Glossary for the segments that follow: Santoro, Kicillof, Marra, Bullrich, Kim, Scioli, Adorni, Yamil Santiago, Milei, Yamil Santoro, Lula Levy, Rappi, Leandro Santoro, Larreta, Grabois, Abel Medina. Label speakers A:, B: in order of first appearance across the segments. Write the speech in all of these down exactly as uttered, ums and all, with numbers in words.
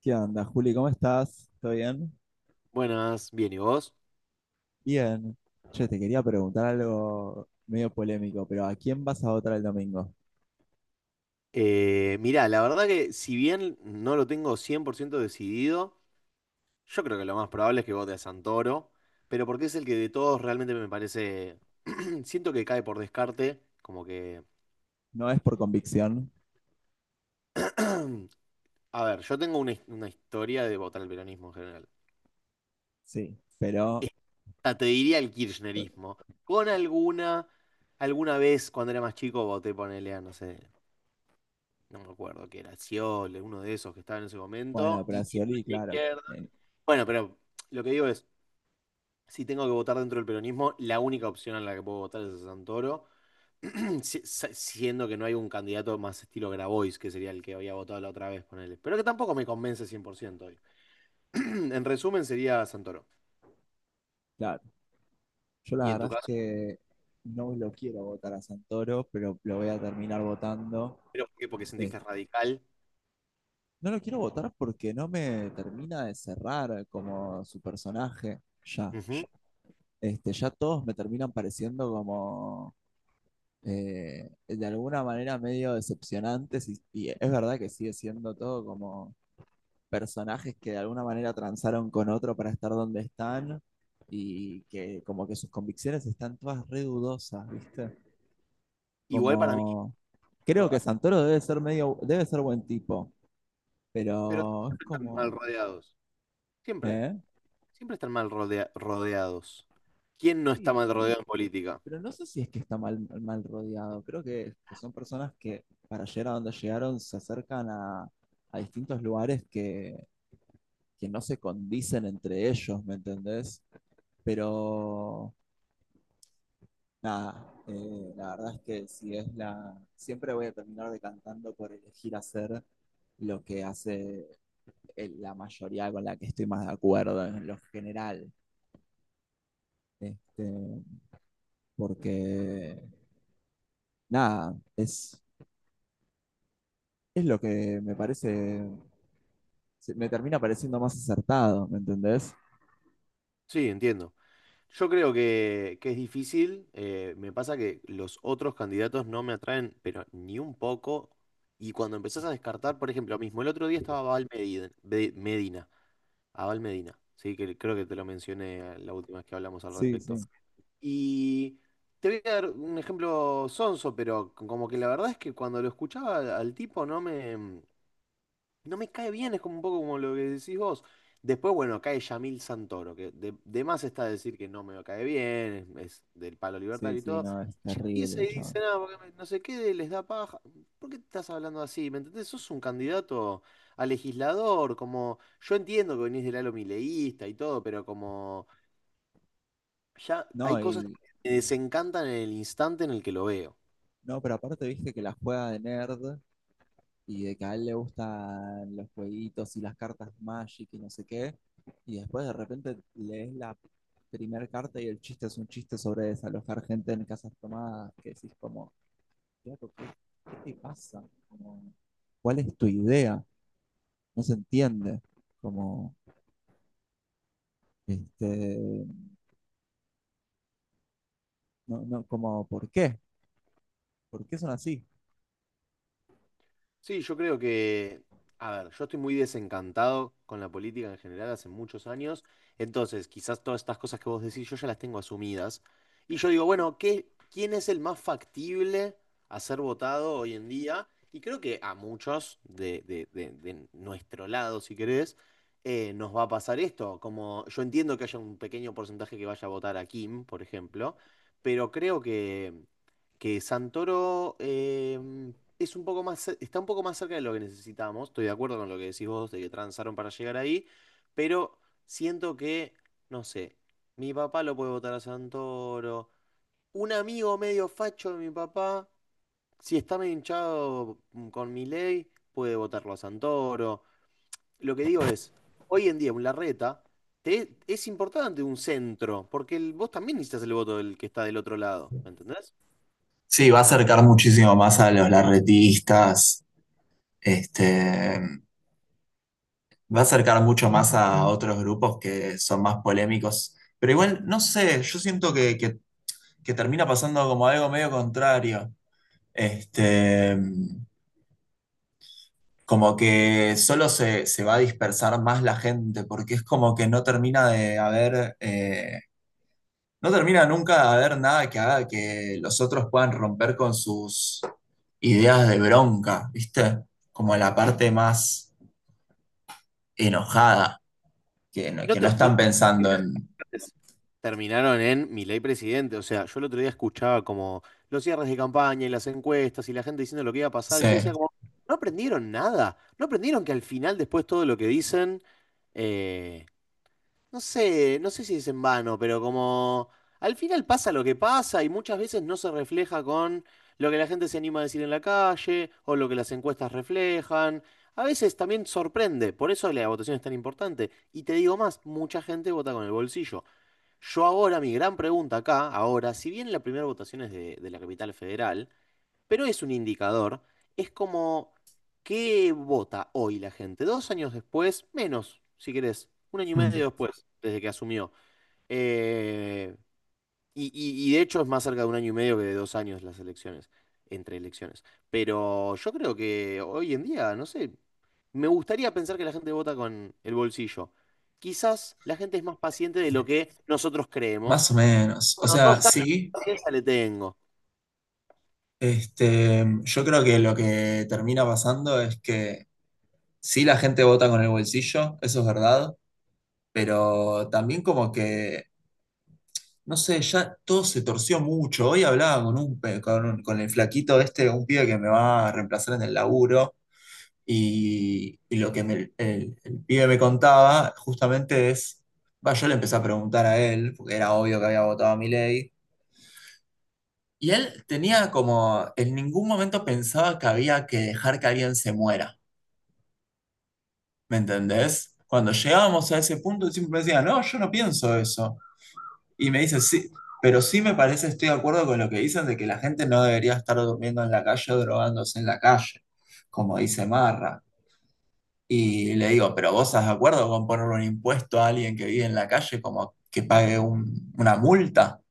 A: ¿Qué onda, Juli? ¿Cómo estás? ¿Todo bien?
B: Buenas, bien, ¿y vos?
A: Bien. Yo te quería preguntar algo medio polémico, pero ¿a quién vas a votar el domingo?
B: Eh, mirá, la verdad que si bien no lo tengo cien por ciento decidido, yo creo que lo más probable es que vote a Santoro, pero porque es el que de todos realmente me parece, siento que cae por descarte, como que,
A: No es por convicción,
B: a ver, yo tengo una, his- una historia de votar al peronismo en general.
A: sí, pero
B: Esta te diría el kirchnerismo, con alguna, alguna vez cuando era más chico voté, ponele a, no sé, no me acuerdo qué era, Sciole, uno de esos que estaba en ese
A: bueno,
B: momento.
A: pero
B: Y
A: a Scioli, claro. eh,
B: bueno, pero lo que digo es, si tengo que votar dentro del peronismo, la única opción en la que puedo votar es a Santoro. si- sa- siendo que no hay un candidato más estilo Grabois, que sería el que había votado la otra vez, ponele. Pero que tampoco me convence cien por ciento hoy. En resumen, sería Santoro.
A: claro. Yo
B: Y
A: la
B: en tu
A: verdad es
B: caso,
A: que no lo quiero votar a Santoro, pero lo voy a terminar votando.
B: pero ¿por qué? ¿Porque sentís
A: Eh,
B: que es radical?
A: no lo quiero votar porque no me termina de cerrar como su personaje, ya.
B: Ujú.
A: Este, ya todos me terminan pareciendo como eh, de alguna manera medio decepcionantes y, y es verdad que sigue siendo todo como personajes que de alguna manera transaron con otro para estar donde están y que como que sus convicciones están todas re dudosas, ¿viste?
B: Igual para mí,
A: Como creo
B: yo-
A: que
B: ah,
A: Santoro debe ser medio, debe ser buen tipo,
B: pero
A: pero es
B: siempre están mal
A: como,
B: rodeados. Siempre,
A: ¿eh?
B: siempre están mal rodea- rodeados. ¿Quién no está mal
A: Sí.
B: rodeado en política?
A: Pero no sé si es que está mal, mal rodeado. Creo que, que son personas que para llegar a donde llegaron se acercan a, a distintos lugares que, que no se condicen entre ellos, ¿me entendés? Pero nada, eh, la verdad es que si es la. Siempre voy a terminar decantando por elegir hacer lo que hace el- la mayoría con la que estoy más de acuerdo en lo general. Este, porque nada, es, es lo que me parece. Me termina pareciendo más acertado, ¿me entendés?
B: Sí, entiendo. Yo creo que, que es difícil. Eh, me pasa que los otros candidatos no me atraen, pero ni un poco. Y cuando empezás a descartar, por ejemplo, mismo el otro día estaba Abel Medina, Be- Medina, Abel Medina, sí, que creo que te lo mencioné la última vez que hablamos al
A: Sí,
B: respecto.
A: sí.
B: Y te voy a dar un ejemplo sonso, pero como que la verdad es que cuando lo escuchaba al al tipo no me, no me cae bien, es como un poco como lo que decís vos. Después, bueno, cae Yamil Santoro, que de, de más está decir que no me cae bien, es, del palo
A: Sí,
B: libertario y
A: sí,
B: todo.
A: no, es
B: Ya
A: terrible
B: empieza
A: el
B: y dice,
A: chabón.
B: nada, porque me- no sé qué, les da paja. ¿Por qué estás hablando así? ¿Me entendés? Sos un candidato a legislador, como yo entiendo que venís del halo mileísta y todo, pero como ya
A: No,
B: hay cosas que
A: y
B: me desencantan en el instante en el que lo veo.
A: no, pero aparte viste que la juega de nerd y de que a él le gustan los jueguitos y las cartas Magic y no sé qué. Y después de repente lees la primera carta y el chiste es un chiste sobre desalojar gente en casas tomadas. Que decís como, "Flaco, ¿qué, qué te pasa? Como, ¿cuál es tu idea? No se entiende. Como, este, no, no, como, ¿por qué? ¿Por qué son así?"
B: Sí, yo creo que, a ver, yo estoy muy desencantado con la política en general hace muchos años, entonces quizás todas estas cosas que vos decís yo ya las tengo asumidas. Y yo digo, bueno, ¿qué, quién es el más factible a ser votado hoy en día? Y creo que a muchos de, de- de- de nuestro lado, si querés, eh, nos va a pasar esto. Como yo entiendo que haya un pequeño porcentaje que vaya a votar a Kim, por ejemplo, pero creo que que Santoro eh, es un poco más, ce- está un poco más cerca de lo que necesitamos. Estoy de acuerdo con lo que decís vos de que transaron para llegar ahí, pero siento que, no sé, mi papá lo puede votar a Santoro. Un amigo medio facho de mi papá, si está medio hinchado mm, con mi ley, puede votarlo a Santoro. Lo que digo es, hoy en día un Larreta te- es importante un centro, porque el- vos también necesitas el voto del que está del otro lado, ¿me entendés?
A: Sí, va a acercar muchísimo más a los larretistas, este, va a acercar mucho más a otros grupos que son más polémicos. Pero igual, no sé, yo siento que, que- que termina pasando como algo medio contrario. Este, como que solo se, se va a dispersar más la gente, porque es como que no termina de haber, eh, no termina nunca de haber nada que haga que los otros puedan romper con sus ideas de bronca, ¿viste? Como la parte más enojada, que no,
B: No
A: que
B: te
A: no están
B: olvides.
A: pensando en...
B: es- Terminaron en Milei presidente. O sea, yo el otro día escuchaba como los cierres de campaña y las encuestas y la gente diciendo lo que iba a pasar. Y yo decía
A: Sí.
B: como, no aprendieron nada. No aprendieron que al final, después todo lo que dicen, eh, no sé, no sé si es en vano, pero como al final pasa lo que pasa y muchas veces no se refleja con lo que la gente se anima a decir en la calle o lo que las encuestas reflejan. A veces también sorprende, por eso la votación es tan importante. Y te digo más, mucha gente vota con el bolsillo. Yo ahora, mi gran pregunta acá, ahora, si bien la primera votación es de, de la capital federal, pero es un indicador, es como, ¿qué vota hoy la gente? Dos años después, menos, si querés, un año y
A: Mm,
B: medio después, desde que asumió. Eh, y, y- y de hecho es más cerca de un año y medio que de dos años las elecciones, entre elecciones. Pero yo creo que hoy en día, no sé, me gustaría pensar que la gente vota con el bolsillo. Quizás la gente es más paciente de lo que nosotros creemos.
A: más o menos. O
B: Bueno, dos
A: sea,
B: años de
A: sí,
B: paciencia le tengo.
A: este, yo creo que lo que termina pasando es que sí la gente vota con el bolsillo, eso es verdad, pero también como que, no sé, ya todo se torció mucho. Hoy hablaba con un, pe- con, un- con el flaquito este, un pibe que me va a reemplazar en el laburo, y, y lo que me- el, el pibe me contaba justamente es, va, yo le empecé a preguntar a él, porque era obvio que había votado a mi. Y él tenía como, en ningún momento pensaba que había que dejar que alguien se muera, ¿me entendés? Cuando llegábamos a ese punto, él siempre me decía, no, yo no pienso eso. Y me dice, sí, pero sí me parece, estoy de acuerdo con lo que dicen de que la gente no debería estar durmiendo en la calle o drogándose en la calle, como dice Marra. Y le digo, pero ¿vos estás de acuerdo con ponerle un impuesto a alguien que vive en la calle como que pague un- una multa?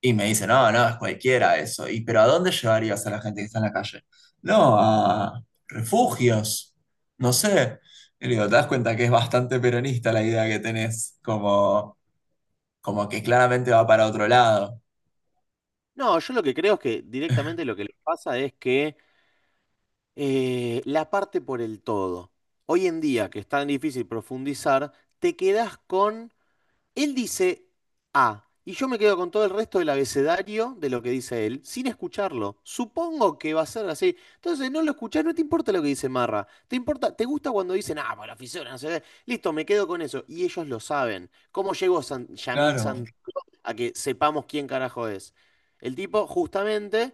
A: Y me dice, no, no, es cualquiera eso. Y, pero ¿a dónde llevarías a la gente que está en la calle? No, a refugios, no sé. Y le digo, ¿te das cuenta que es bastante peronista la idea que tenés? Como, como que claramente va para otro lado.
B: No, yo lo que creo es que directamente lo que les pasa es que eh, la parte por el todo. Hoy en día, que es tan difícil profundizar, te quedás con. Él dice A, y yo me quedo con todo el resto del abecedario de lo que dice él, sin escucharlo. Supongo que va a ser así. Entonces no lo escuchás, no te importa lo que dice Marra. Te importa, te gusta cuando dicen, ah, por la fisura, no sé qué. Listo, me quedo con eso. Y ellos lo saben. ¿Cómo llegó San- Yamil
A: Claro,
B: Santiago a que sepamos quién carajo es? El tipo justamente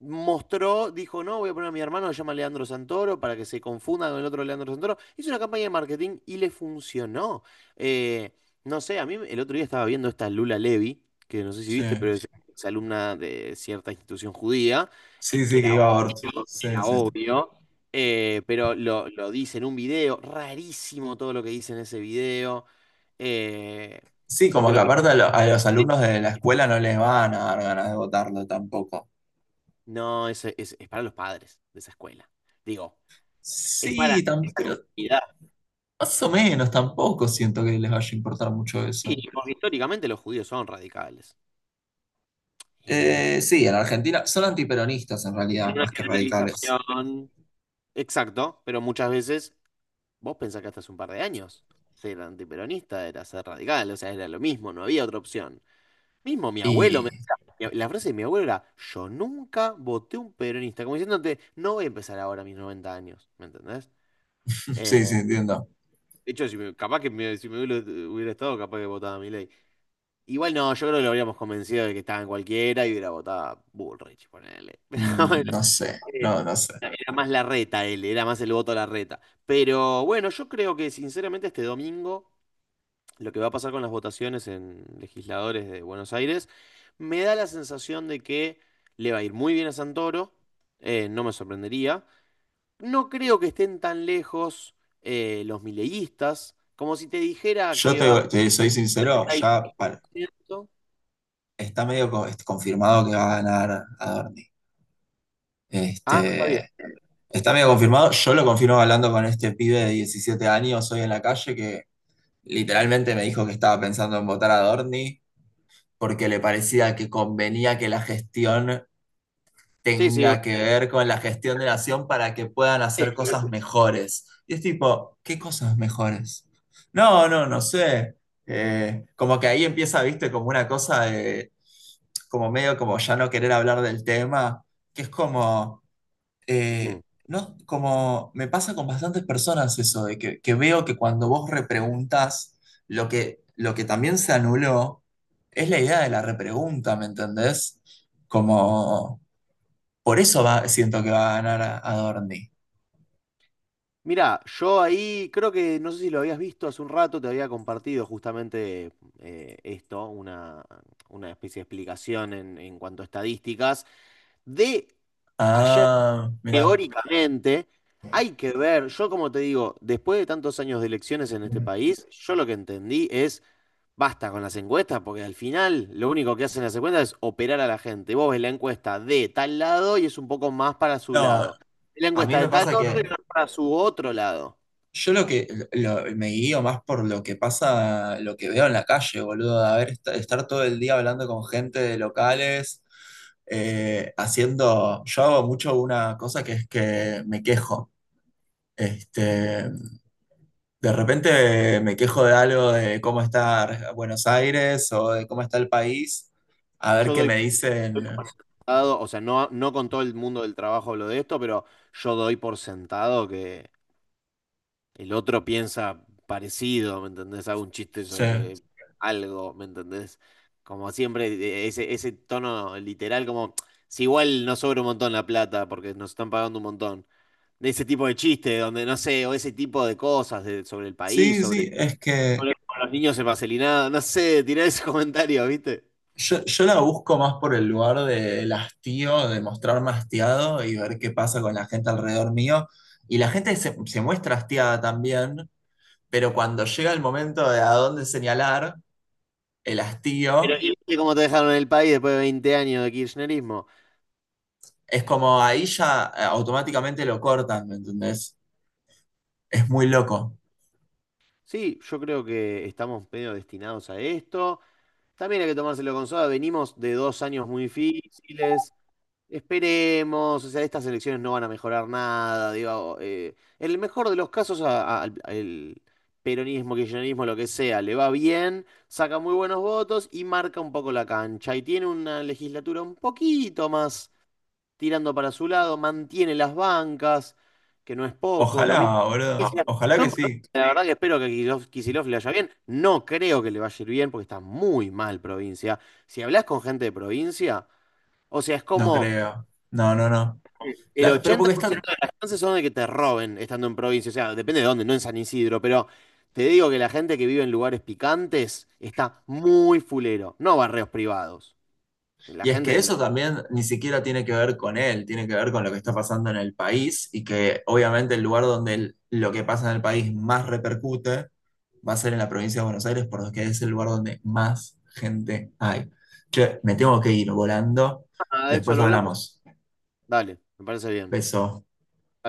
B: mostró, dijo, no, voy a poner a mi hermano que se llama Leandro Santoro para que se confunda con el otro Leandro Santoro. Hizo una campaña de marketing y le funcionó. Eh, no sé, a mí el otro día estaba viendo esta Lula Levy, que no sé si viste,
A: sí.
B: pero es alumna de cierta institución judía, eh,
A: Sí,
B: que
A: sí, que
B: era
A: iba a aborto.
B: obvio,
A: Sí,
B: era
A: sí.
B: obvio. Eh, pero lo, lo dice en un video, rarísimo todo lo que dice en ese video. eh,
A: Sí,
B: yo
A: como que
B: creo que
A: aparte a, lo- a los alumnos de la escuela no les van a dar ganas de votarlo tampoco.
B: no, eso es, es para los padres de esa escuela. Digo, es para
A: Sí, tan,
B: esa
A: pero
B: comunidad.
A: más o menos tampoco siento que les vaya a importar mucho eso.
B: Y porque históricamente los judíos son radicales. En una, ge-
A: Eh, sí, en Argentina son antiperonistas en realidad,
B: en una
A: más que radicales.
B: generalización. Exacto, pero muchas veces vos pensás que hasta hace un par de años ser antiperonista era ser radical, o sea, era lo mismo, no había otra opción. Mismo mi abuelo me
A: Y
B: decía, la frase de mi abuelo era, yo nunca voté un peronista, como diciéndote, no voy a empezar ahora a mis noventa años, ¿me entendés? Eh,
A: sí, sí, entiendo.
B: de hecho, si me- capaz que me- si mi abuelo hubiera estado, capaz que votaba a mi ley. Igual no, yo creo que lo habríamos convencido de que estaba en cualquiera y hubiera votado Bullrich, ponele. Pero
A: Mm, no sé,
B: bueno, eh,
A: no, no sé.
B: era más la reta él, era más el voto a la reta. Pero bueno, yo creo que sinceramente este domingo, lo que va a pasar con las votaciones en legisladores de Buenos Aires, me da la sensación de que le va a ir muy bien a Santoro, eh, no me sorprendería. No creo que estén tan lejos eh, los mileístas, como si te dijera
A: Yo
B: que
A: te,
B: va a
A: te soy sincero, ya para-
B: setenta por ciento.
A: está medio co- este, confirmado que va a ganar Adorni.
B: Ah, está bien.
A: Este, está medio confirmado. Yo lo confirmo hablando con este pibe de diecisiete años hoy en la calle que literalmente me dijo que estaba pensando en votar a Adorni porque le parecía que convenía que la gestión
B: Sí, sí.
A: tenga que ver con la gestión de la nación para que puedan hacer cosas mejores. Y es tipo, ¿qué cosas mejores? No, no, no sé. Eh, como que ahí empieza, viste, como una cosa de, como medio como ya no querer hablar del tema, que es como, eh,
B: Obvio.
A: no, como me pasa con bastantes personas eso, de que, que veo que cuando vos repreguntas, lo que, lo que también se anuló es la idea de la repregunta, ¿me entendés? Como por eso va, siento que va a ganar a, a Dorni.
B: Mirá, yo ahí creo que, no sé si lo habías visto hace un rato, te había compartido justamente eh, esto, una, una especie de explicación en, en cuanto a estadísticas, de ayer.
A: Ah, mira.
B: Teóricamente, hay que ver, yo como te digo, después de tantos años de elecciones en este país, yo lo que entendí es, basta con las encuestas, porque al final lo único que hacen las encuestas es operar a la gente. Vos ves la encuesta de tal lado y es un poco más para su
A: No,
B: lado. La
A: a mí
B: encuesta de
A: me
B: tal
A: pasa que
B: otro y más para su otro lado.
A: yo lo que lo- me guío más por lo que pasa, lo que veo en la calle, boludo. A ver, est- estar todo el día hablando con gente de locales, eh, haciendo. Yo hago mucho una cosa que es que me quejo. Este, de repente me quejo de algo de cómo está Buenos Aires o de cómo está el país. A ver
B: Yo
A: qué
B: doy
A: me
B: doy por
A: dicen.
B: sentado, o sea, no, no con todo el mundo del trabajo hablo de esto, pero yo doy por sentado que el otro piensa parecido, ¿me entendés? Hago un chiste
A: Sí.
B: sobre algo, ¿me entendés? Como siempre, de- ese, ese tono literal, como si igual no sobra un montón la plata porque nos están pagando un montón. De ese tipo de chiste, donde no sé, o ese tipo de cosas de- sobre el país,
A: Sí,
B: sobre,
A: sí, es que
B: sobre cómo los niños en Marcelinado, no sé, tirá ese comentario, ¿viste?
A: yo, yo la busco más por el lugar del hastío, de mostrarme hastiado y ver qué pasa con la gente alrededor mío. Y la gente se, se muestra hastiada también, pero cuando llega el momento de a dónde señalar el
B: Pero
A: hastío,
B: ¿y viste cómo te dejaron en el país después de veinte años de kirchnerismo?
A: es como ahí ya eh, automáticamente lo cortan, ¿me entendés? Es muy loco.
B: Sí, yo creo que estamos medio destinados a esto. También hay que tomárselo con soda. Venimos de dos años muy difíciles. Esperemos. O sea, estas elecciones no van a mejorar nada. Digo, eh, en el mejor de los casos, a- a- al el peronismo, kirchnerismo, lo que sea, le va bien, saca muy buenos votos y marca un poco la cancha. Y tiene una legislatura un poquito más tirando para su lado, mantiene las bancas, que no es poco, lo mismo.
A: Ojalá,
B: Que
A: boludo.
B: Kicillof.
A: Ojalá que
B: Son
A: sí.
B: provincias, la verdad que espero que Kicillof, Kicillof le vaya bien. No creo que le vaya a ir bien porque está muy mal provincia. Si hablas con gente de provincia, o sea, es
A: No
B: como
A: creo. No, no, no.
B: el
A: La- pero
B: ochenta
A: porque
B: por
A: está.
B: ciento de las chances son de que te roben estando en provincia. O sea, depende de dónde, no en San Isidro, pero te digo que la gente que vive en lugares picantes está muy fulero, no barrios privados. La
A: Y es
B: gente
A: que
B: de la...
A: eso también ni siquiera tiene que ver con él, tiene que ver con lo que está pasando en el país y que obviamente el lugar donde el- lo que pasa en el país más repercute va a ser en la provincia de Buenos Aires porque es el lugar donde más gente hay. Che, me tengo que ir volando,
B: Ah, de eso
A: después
B: lo hablamos.
A: hablamos.
B: Dale, me parece bien.
A: Beso.